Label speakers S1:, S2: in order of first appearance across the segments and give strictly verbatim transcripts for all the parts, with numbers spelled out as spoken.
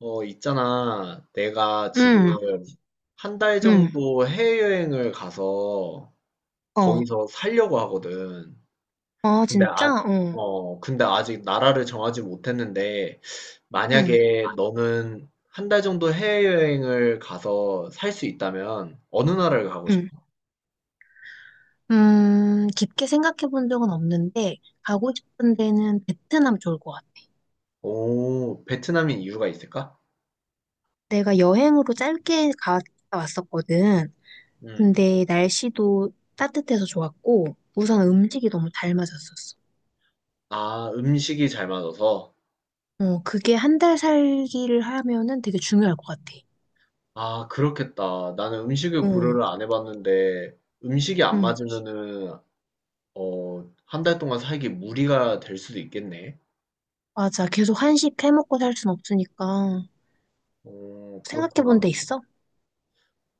S1: 어, 있잖아. 내가
S2: 응,
S1: 지금 한 달
S2: 응,
S1: 정도 해외여행을 가서
S2: 어.
S1: 거기서 살려고 하거든.
S2: 아,
S1: 근데 아,
S2: 진짜? 어,
S1: 어, 근데 아직 나라를 정하지 못했는데,
S2: 응,
S1: 만약에 너는 한 달 정도 해외여행을 가서 살 수 있다면 어느 나라를 가고 싶어?
S2: 응. 음, 깊게 생각해 본 적은 없는데, 가고 싶은 데는 베트남 좋을 것 같아.
S1: 오, 베트남인 이유가 있을까?
S2: 내가 여행으로 짧게 갔다 왔었거든.
S1: 음.
S2: 근데 날씨도 따뜻해서 좋았고, 우선 음식이 너무 잘 맞았었어.
S1: 아, 음식이 잘 맞아서?
S2: 어, 그게 한 달 살기를 하면은 되게 중요할 것 같아.
S1: 아, 그렇겠다. 나는 음식을
S2: 어,
S1: 고려를 안 해봤는데, 음식이 안
S2: 응,
S1: 맞으면은 어, 한 달 동안 살기 무리가 될 수도 있겠네.
S2: 맞아. 계속 한식 해먹고 살 순 없으니까.
S1: 어,
S2: 생각해 본
S1: 그렇구나.
S2: 데 있어?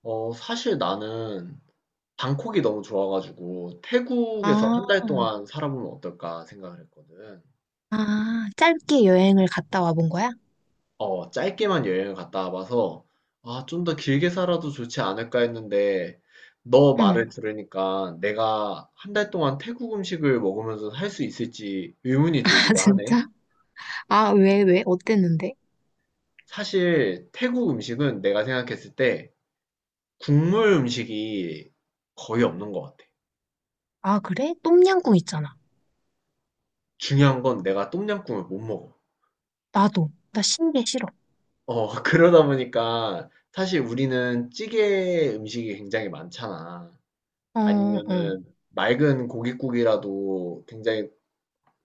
S1: 어, 사실 나는 방콕이 너무 좋아가지고 태국에서
S2: 아,
S1: 한 달 동안 살아보면 어떨까 생각을 했거든.
S2: 아, 짧게 여행을 갔다 와본 거야?
S1: 어, 짧게만 여행을 갔다 와봐서 아, 좀 더 길게 살아도 좋지 않을까 했는데 너
S2: 응.
S1: 말을 들으니까 내가 한 달 동안 태국 음식을 먹으면서 살 수 있을지 의문이
S2: 아,
S1: 들기도 하네.
S2: 진짜? 아, 왜, 왜? 어땠는데?
S1: 사실 태국 음식은 내가 생각했을 때 국물 음식이 거의 없는 것 같아.
S2: 아, 그래? 똠양꿍 있잖아.
S1: 중요한 건 내가 똠양꿍을 못 먹어.
S2: 나도. 나 신게 싫어.
S1: 어, 그러다 보니까 사실 우리는 찌개 음식이 굉장히 많잖아.
S2: 어, 어.
S1: 아니면은 맑은 고깃국이라도 굉장히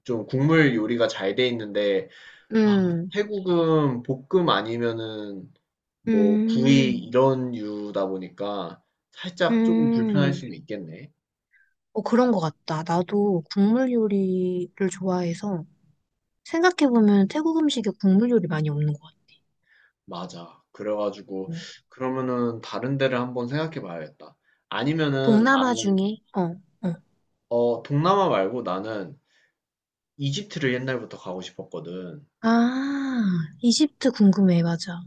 S1: 좀 국물 요리가 잘 돼 있는데, 아,
S2: 음,
S1: 태국은 볶음 아니면은 뭐 구이
S2: 음,
S1: 이런 유다 보니까 살짝 조금 불편할
S2: 음.
S1: 수는 있겠네.
S2: 어, 그런 거 같다. 나도 국물 요리를 좋아해서 생각해보면 태국 음식에 국물 요리 많이 없는 것 같아.
S1: 맞아. 그래가지고
S2: 어.
S1: 그러면은 다른 데를 한번 생각해 봐야겠다. 아니면은
S2: 동남아
S1: 나는
S2: 중에, 어, 어.
S1: 어 동남아 말고 나는 이집트를 옛날부터 가고 싶었거든.
S2: 아, 이집트 궁금해. 맞아.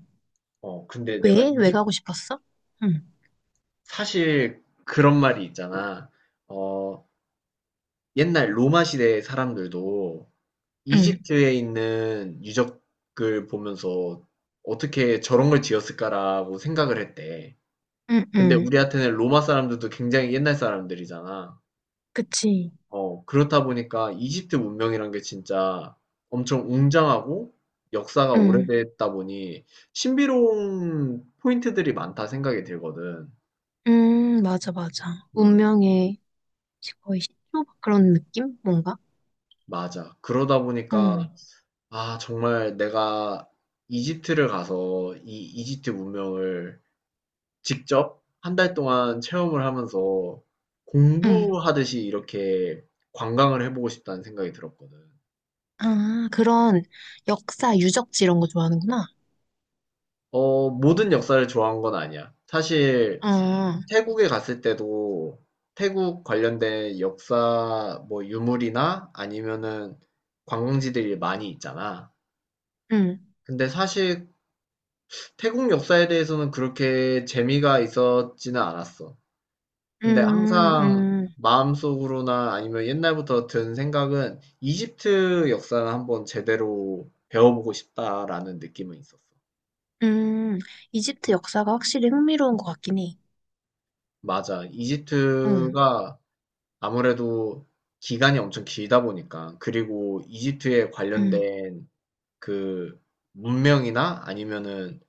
S1: 어 근데 내가
S2: 왜? 왜
S1: 이집
S2: 가고 싶었어? 응,
S1: 사실 그런 말이 있잖아. 어 옛날 로마 시대 사람들도
S2: 응,
S1: 이집트에 있는 유적을 보면서 어떻게 저런 걸 지었을까라고 생각을 했대.
S2: 응,
S1: 근데
S2: 응.
S1: 우리한테는 로마 사람들도 굉장히 옛날 사람들이잖아.
S2: 그치.
S1: 어, 그렇다 보니까 이집트 문명이란 게 진짜 엄청 웅장하고 역사가
S2: 응.
S1: 오래됐다 보니 신비로운 포인트들이 많다 생각이 들거든.
S2: 음, 맞아, 맞아.
S1: 음,
S2: 운명의 거의 시초 그런 느낌? 뭔가?
S1: 맞아. 그러다 보니까,
S2: 응.
S1: 아, 정말 내가 이집트를 가서 이 이집트 문명을 직접 한 달 동안 체험을 하면서
S2: 응.
S1: 공부하듯이 이렇게 관광을 해보고 싶다는 생각이 들었거든.
S2: 아, 그런 역사 유적지 이런 거 좋아하는구나.
S1: 어, 모든 역사를 좋아한 건 아니야. 사실,
S2: 아,
S1: 태국에 갔을 때도 태국 관련된 역사 뭐 유물이나 아니면은 관광지들이 많이 있잖아.
S2: 응.
S1: 근데 사실 태국 역사에 대해서는 그렇게 재미가 있었지는 않았어. 근데
S2: 음,
S1: 항상
S2: 음,
S1: 마음속으로나 아니면 옛날부터 든 생각은 이집트 역사를 한번 제대로 배워보고 싶다라는 느낌은 있었어.
S2: 음. 이집트 역사가 확실히 흥미로운 것 같긴 해.
S1: 맞아.
S2: 응,
S1: 이집트가 아무래도 기간이 엄청 길다 보니까 그리고 이집트에
S2: 응,
S1: 관련된 그 문명이나 아니면은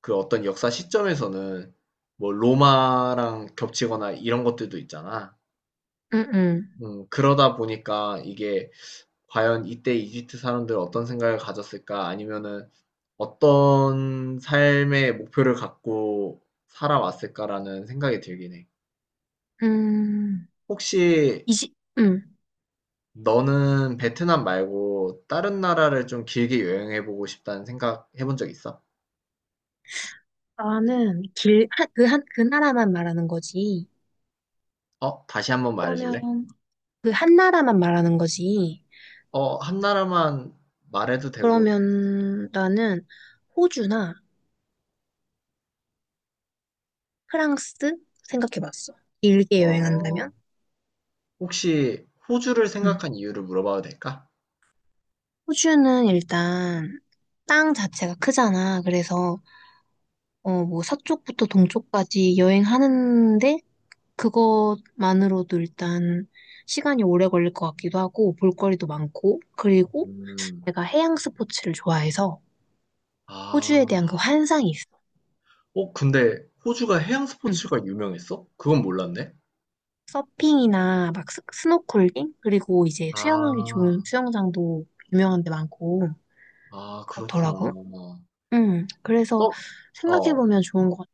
S1: 그 어떤 역사 시점에서는 뭐 로마랑 겹치거나 이런 것들도 있잖아.
S2: 응, 응.
S1: 음, 그러다 보니까 이게 과연 이때 이집트 사람들 어떤 생각을 가졌을까? 아니면은 어떤 삶의 목표를 갖고 살아왔을까라는 생각이 들긴 해.
S2: 음,
S1: 혹시
S2: 이집, 응.
S1: 너는 베트남 말고 다른 나라를 좀 길게 여행해보고 싶다는 생각 해본 적 있어?
S2: 나는 길, 한, 그 한, 그 나라만 말하는 거지.
S1: 어? 다시 한번 말해줄래?
S2: 그러면 그 한 나라만 말하는 거지.
S1: 어, 한 나라만 말해도 되고,
S2: 그러면 나는 호주나 프랑스 생각해봤어. 길게 여행한다면?
S1: 어, 혹시 호주를
S2: 응.
S1: 생각한 이유를 물어봐도 될까?
S2: 호주는 일단 땅 자체가 크잖아. 그래서 어, 뭐 서쪽부터 동쪽까지 여행하는데 그것만으로도 일단 시간이 오래 걸릴 것 같기도 하고 볼거리도 많고 그리고
S1: 음,
S2: 내가 해양 스포츠를 좋아해서 호주에 대한
S1: 아,
S2: 그 환상이 있어.
S1: 어, 근데 호주가 해양 스포츠가 유명했어? 그건 몰랐네.
S2: 서핑이나 막 스, 스노클링? 그리고 이제 수영하기
S1: 아,
S2: 좋은 수영장도 유명한 데 많고
S1: 아, 그렇구나.
S2: 그렇더라고. 응, 그래서
S1: 서, 어,
S2: 생각해보면 좋은 것 같아.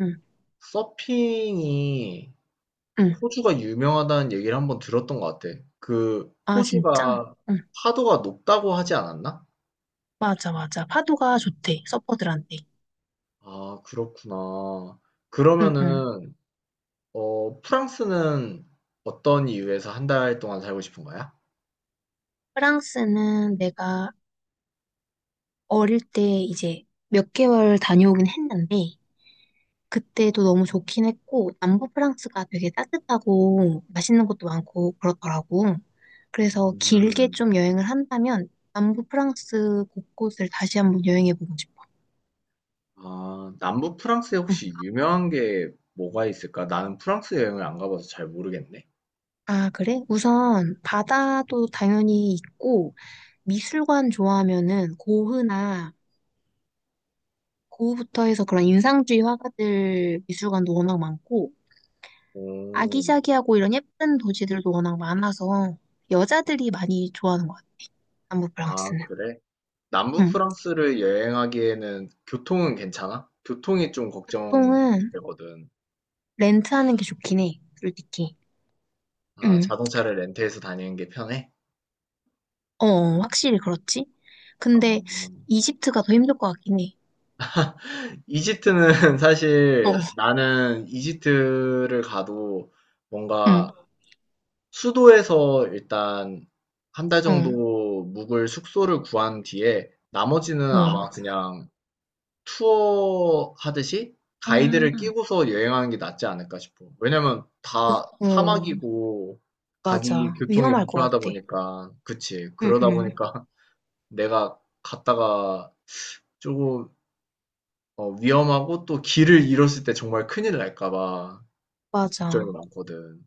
S2: 응,
S1: 서핑이
S2: 응.
S1: 호주가 유명하다는 얘기를 한번 들었던 것 같아. 그
S2: 아, 진짜?
S1: 호주가
S2: 응,
S1: 파도가 높다고 하지 않았나?
S2: 맞아, 맞아. 파도가 좋대, 서퍼들한테.
S1: 아, 그렇구나.
S2: 응, 응.
S1: 그러면은 어, 프랑스는 어떤 이유에서 한 달 동안 살고 싶은 거야?
S2: 프랑스는 내가 어릴 때 이제 몇 개월 다녀오긴 했는데 그때도 너무 좋긴 했고, 남부 프랑스가 되게 따뜻하고 맛있는 것도 많고 그렇더라고. 그래서 길게
S1: 음.
S2: 좀 여행을 한다면 남부 프랑스 곳곳을 다시 한번 여행해보고 싶어.
S1: 아, 남부 프랑스에
S2: 응.
S1: 혹시 유명한 게 뭐가 있을까? 나는 프랑스 여행을 안 가봐서 잘 모르겠네.
S2: 아, 그래? 우선 바다도 당연히 있고, 미술관 좋아하면은 고흐나 고흐부터 해서 그런 인상주의 화가들 미술관도 워낙 많고,
S1: 오,
S2: 아기자기하고 이런 예쁜 도시들도 워낙 많아서 여자들이 많이 좋아하는 것 같아, 남부
S1: 아,
S2: 프랑스는.
S1: 그래? 남부
S2: 응.
S1: 프랑스를 여행하기에는 교통은 괜찮아? 교통이 좀
S2: 보통은
S1: 걱정되거든.
S2: 렌트하는 게 좋긴 해, 솔직히.
S1: 아,
S2: 응.
S1: 자동차를 렌트해서 다니는 게 편해?
S2: 어, 어, 확실히 그렇지.
S1: 어,
S2: 근데 이집트가 더 힘들 것 같긴 해.
S1: 이집트는
S2: 어,
S1: 사실 나는 이집트를 가도 뭔가
S2: 응,
S1: 수도에서 일단 한 달 정도
S2: 어,
S1: 묵을 숙소를 구한 뒤에 나머지는 아마
S2: 어,
S1: 그냥 투어 하듯이
S2: 아,
S1: 가이드를 끼고서 여행하는 게 낫지 않을까 싶어. 왜냐면 다
S2: 응,
S1: 사막이고 가기
S2: 맞아.
S1: 교통이
S2: 위험할 것
S1: 불편하다
S2: 같아.
S1: 보니까, 그치.
S2: 응,
S1: 그러다
S2: 응,
S1: 보니까 내가 갔다가 조금 어, 위험하고 또 길을 잃었을 때 정말 큰일 날까 봐 걱정이
S2: 맞아.
S1: 많거든.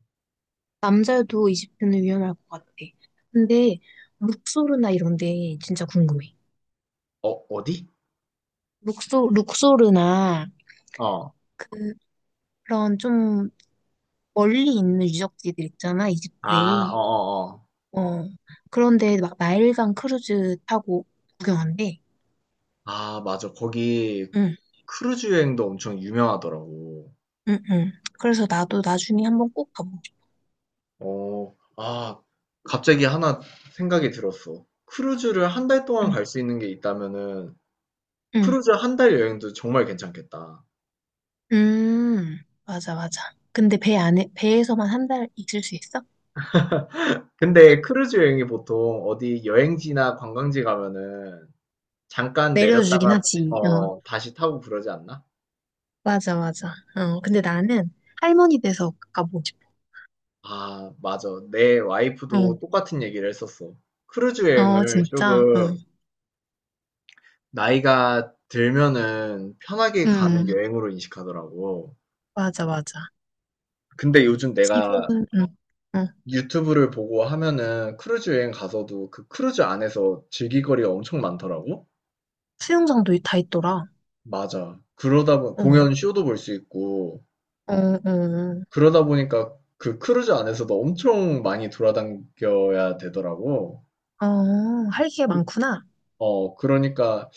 S2: 남자여도 이집트는 위험할 것 같아. 근데 룩소르나 이런 데 진짜 궁금해.
S1: 어, 어디?
S2: 룩소, 룩소르나
S1: 어.
S2: 그런 좀 멀리 있는 유적지들 있잖아,
S1: 아, 어,
S2: 이집트에.
S1: 어, 어.
S2: 어, 그런데 막 나일강 크루즈 타고 구경한대.
S1: 아, 맞아. 거기
S2: 응,
S1: 크루즈 여행도 엄청 유명하더라고.
S2: 응, 응. 그래서 나도 나중에 한번 꼭 가보고 싶어.
S1: 어, 아, 갑자기 하나 생각이 들었어. 크루즈를 한 달 동안
S2: 응,
S1: 갈 수 있는 게 있다면은
S2: 응.
S1: 크루즈 한 달 여행도 정말 괜찮겠다.
S2: 음, 맞아, 맞아. 근데 배 안에, 배에서만 한 달 있을 수 있어?
S1: 근데 크루즈 여행이 보통 어디 여행지나 관광지 가면은 잠깐
S2: 내려주긴
S1: 내렸다가
S2: 하지. 어,
S1: 어, 다시 타고 그러지 않나?
S2: 맞아, 맞아. 어, 근데 나는 할머니 돼서 가보고 싶어.
S1: 아 맞아. 내
S2: 응,
S1: 와이프도 똑같은 얘기를 했었어. 크루즈 어,
S2: 어,
S1: 여행을
S2: 진짜. 응,
S1: 조금 나이가 들면은 편하게
S2: 응,
S1: 가는 여행으로 인식하더라고.
S2: 맞아, 맞아.
S1: 근데 요즘 내가
S2: 지금은, 응, 응.
S1: 유튜브를 보고 하면은 크루즈 여행 가서도 그 크루즈 안에서 즐길 거리가 엄청 많더라고.
S2: 수영장도 다 있더라.
S1: 맞아. 그러다 보
S2: 응,
S1: 공연 쇼도 볼 수 있고
S2: 어, 어,
S1: 그러다 보니까 그 크루즈 안에서도 엄청 많이 돌아다녀야 되더라고.
S2: 어, 할 게 많구나.
S1: 어, 그러니까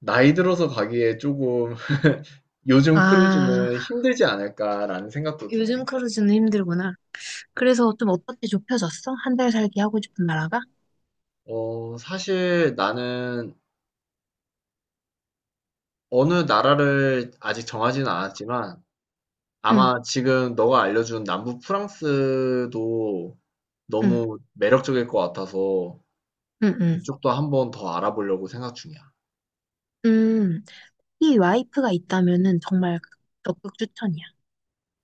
S1: 나이 들어서 가기에 조금 요즘
S2: 아,
S1: 크루즈는 힘들지 않을까라는 생각도 드네.
S2: 요즘 크루즈는 힘들구나. 그래서 좀 어떻게 좁혀졌어? 한달 살기 하고 싶은 나라가?
S1: 어, 사실 나는 어느 나라를 아직 정하지는 않았지만
S2: 응,
S1: 아마 지금 너가 알려준 남부 프랑스도
S2: 응,
S1: 너무 매력적일 것 같아서
S2: 응, 응.
S1: 그쪽도 한번 더 알아보려고 생각 중이야.
S2: 음, 이 와이프가 있다면은 정말 적극 추천이야.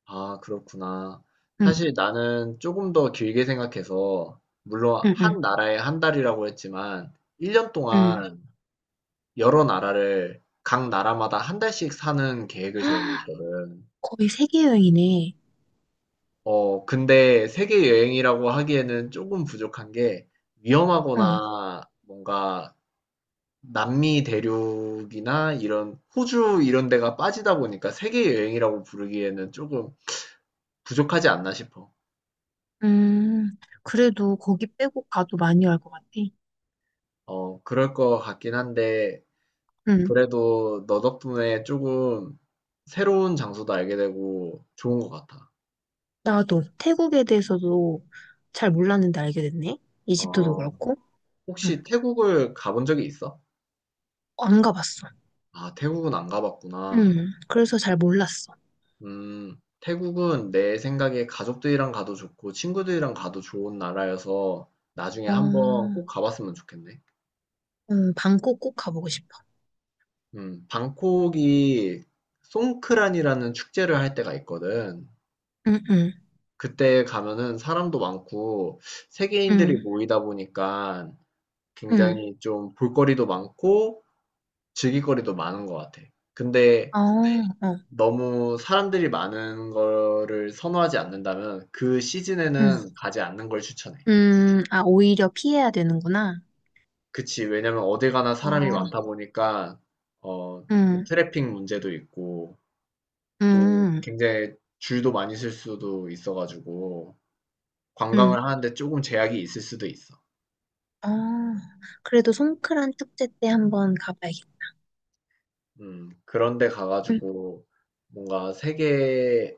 S1: 아, 그렇구나.
S2: 응,
S1: 사실 나는 조금 더 길게 생각해서, 물론
S2: 응, 응,
S1: 한 나라에 한 달이라고 했지만, 일 년
S2: 응.
S1: 동안 여러 나라를 각 나라마다 한 달씩 사는 계획을 세우고
S2: 헉,
S1: 있거든.
S2: 거의 세계 여행이네.
S1: 어, 근데 세계 여행이라고 하기에는 조금 부족한 게,
S2: 응,
S1: 위험하거나 뭔가 남미 대륙이나 이런 호주 이런 데가 빠지다 보니까 세계 여행이라고 부르기에는 조금 부족하지 않나 싶어.
S2: 음, 그래도 거기 빼고 가도 많이 알 것 같아.
S1: 어, 그럴 것 같긴 한데,
S2: 응,
S1: 그래도 너 덕분에 조금 새로운 장소도 알게 되고 좋은 것 같아.
S2: 나도 태국에 대해서도 잘 몰랐는데 알게 됐네. 이집트도
S1: 어,
S2: 그렇고. 응,
S1: 혹시 태국을 가본 적이 있어?
S2: 안 가봤어.
S1: 아, 태국은 안 가봤구나.
S2: 응, 그래서 잘 몰랐어.
S1: 음, 태국은 내 생각에 가족들이랑 가도 좋고 친구들이랑 가도 좋은 나라여서 나중에 한번
S2: 어,
S1: 꼭 가봤으면 좋겠네.
S2: 응, 방콕 꼭 가보고 싶어.
S1: 음, 방콕이 송크란이라는 축제를 할 때가 있거든.
S2: 응, 응,
S1: 그때 가면은 사람도 많고
S2: 응,
S1: 세계인들이 모이다 보니까
S2: 응.
S1: 굉장히 좀 볼거리도 많고 즐길 거리도 많은 것 같아. 근데
S2: 어, 어,
S1: 너무 사람들이 많은 거를 선호하지 않는다면 그
S2: 응.
S1: 시즌에는 가지 않는 걸 추천해.
S2: 음, 아, 오히려 피해야 되는구나.
S1: 그치. 왜냐면 어딜 가나
S2: 어,
S1: 사람이 많다 보니까 어,
S2: 응,
S1: 트래픽 문제도 있고 또
S2: 응,
S1: 굉장히 줄도 많이 설 수도 있어가지고
S2: 응.
S1: 관광을 하는데 조금 제약이 있을 수도 있어.
S2: 어, 그래도 송크란 축제 때 한번 가봐야겠다.
S1: 음, 그런데
S2: 응,
S1: 가가지고 뭔가 세계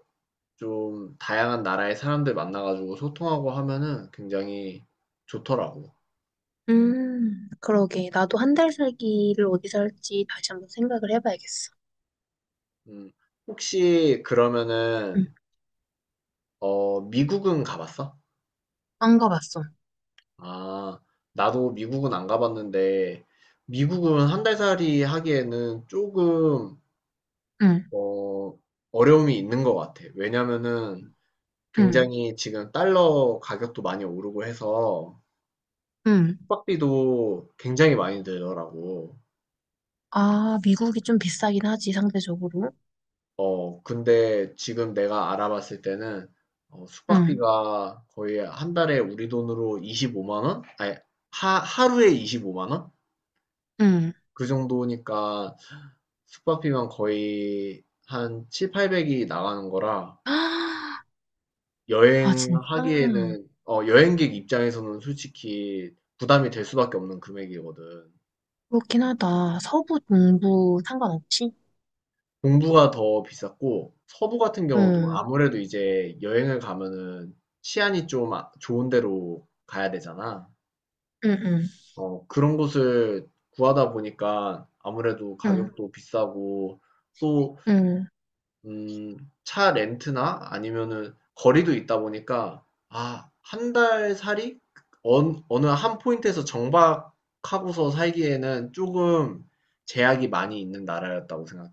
S1: 좀 다양한 나라의 사람들 만나 가지고 소통하고 하면은 굉장히 좋더라고.
S2: 음, 그러게. 나도 한 달 살기를 어디서 할지 다시 한번 생각을 해봐야겠어.
S1: 음. 혹시
S2: 응,
S1: 그러면은 어 미국은 가 봤어?
S2: 안 가봤어.
S1: 아. 나도 미국은 안 가봤는데 미국은 한 달 살이 하기에는 조금
S2: 응,
S1: 어 어려움이 있는 것 같아. 왜냐면은
S2: 응,
S1: 굉장히 지금 달러 가격도 많이 오르고 해서
S2: 응.
S1: 숙박비도 굉장히 많이 들더라고.
S2: 아, 미국이 좀 비싸긴 하지, 상대적으로.
S1: 어 근데 지금 내가 알아봤을 때는 어,
S2: 응,
S1: 숙박비가 거의 한 달에 우리 돈으로 이십오만 원? 아니 하, 하루에 이십오만 원?
S2: 응.
S1: 그 정도니까 숙박비만 거의 한 칠백, 팔백이 나가는 거라
S2: 아, 아, 진짜?
S1: 여행하기에는 어, 여행객 입장에서는 솔직히 부담이 될 수밖에 없는 금액이거든.
S2: 그렇긴 하다. 서부, 동부 상관없이?
S1: 동부가 더 비쌌고 서부 같은 경우도
S2: 응,
S1: 아무래도 이제 여행을 가면은 치안이 좀 아- 좋은 데로 가야 되잖아.
S2: 응, 응,
S1: 어, 그런 곳을 구하다 보니까 아무래도
S2: 응,
S1: 가격도 비싸고 또,
S2: 응.
S1: 음, 차 렌트나 아니면은 거리도 있다 보니까 아, 한 달 살이 어 어느 한 포인트에서 정박하고서 살기에는 조금 제약이 많이 있는 나라였다고 생각해.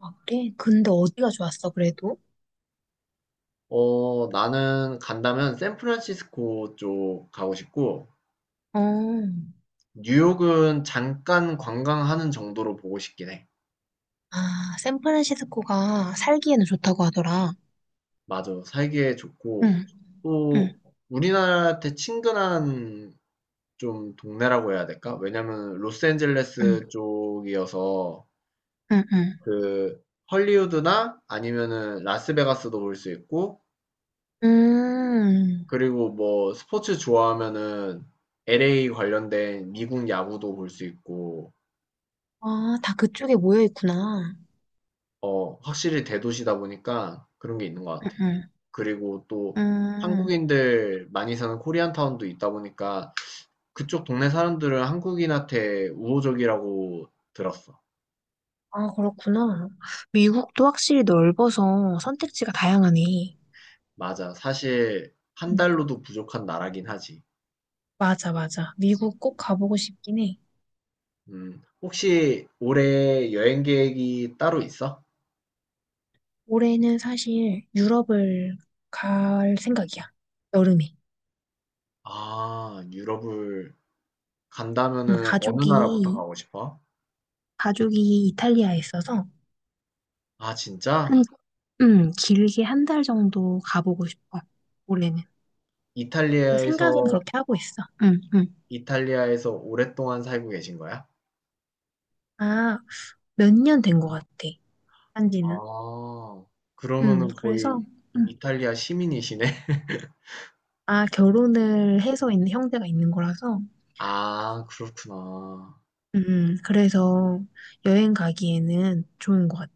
S2: 아, 그래? 근데 어디가 좋았어, 그래도?
S1: 어, 나는 간다면 샌프란시스코 쪽 가고 싶고,
S2: 어,
S1: 뉴욕은 잠깐 관광하는 정도로 보고 싶긴 해.
S2: 아, 샌프란시스코가 살기에는 좋다고 하더라.
S1: 맞아. 살기에 좋고,
S2: 응, 응,
S1: 또 우리나라한테 친근한 좀 동네라고 해야 될까? 왜냐면
S2: 응,
S1: 로스앤젤레스 쪽이어서
S2: 응, 응.
S1: 그 헐리우드나 아니면은 라스베가스도 볼 수 있고,
S2: 음,
S1: 그리고 뭐 스포츠 좋아하면은 엘에이 관련된 미국 야구도 볼 수 있고,
S2: 아, 다 그쪽에 모여 있구나.
S1: 어, 확실히 대도시다 보니까 그런 게 있는 것
S2: 응,
S1: 같아.
S2: 응,
S1: 그리고 또
S2: 음.
S1: 한국인들 많이 사는 코리안타운도 있다 보니까 그쪽 동네 사람들은 한국인한테 우호적이라고 들었어.
S2: 아, 그렇구나. 미국도 확실히 넓어서 선택지가 다양하네.
S1: 맞아. 사실 한
S2: 응,
S1: 달로도 부족한 나라긴 하지.
S2: 맞아, 맞아. 미국 꼭 가보고 싶긴 해.
S1: 음, 혹시 올해 여행 계획이 따로 있어?
S2: 올해는 사실 유럽을 갈 생각이야. 여름에.
S1: 아, 유럽을
S2: 음,
S1: 간다면은 어느 나라부터
S2: 가족이,
S1: 가고 싶어?
S2: 가족이 이탈리아에 있어서
S1: 아, 진짜?
S2: 한, 음, 길게 한 달 정도 가보고 싶어. 올해는. 그래서
S1: 이탈리아에서,
S2: 생각은 그렇게 하고 있어. 응, 응.
S1: 이탈리아에서 오랫동안 살고 계신 거야?
S2: 아, 몇 년 된 것 같아. 한 지는.
S1: 아,
S2: 음,
S1: 그러면은 거의
S2: 그래서, 음,
S1: 이탈리아 시민이시네.
S2: 아, 결혼을 해서 있는 형제가 있는 거라서,
S1: 아, 그렇구나.
S2: 음, 그래서 여행 가기에는 좋은 것 같아.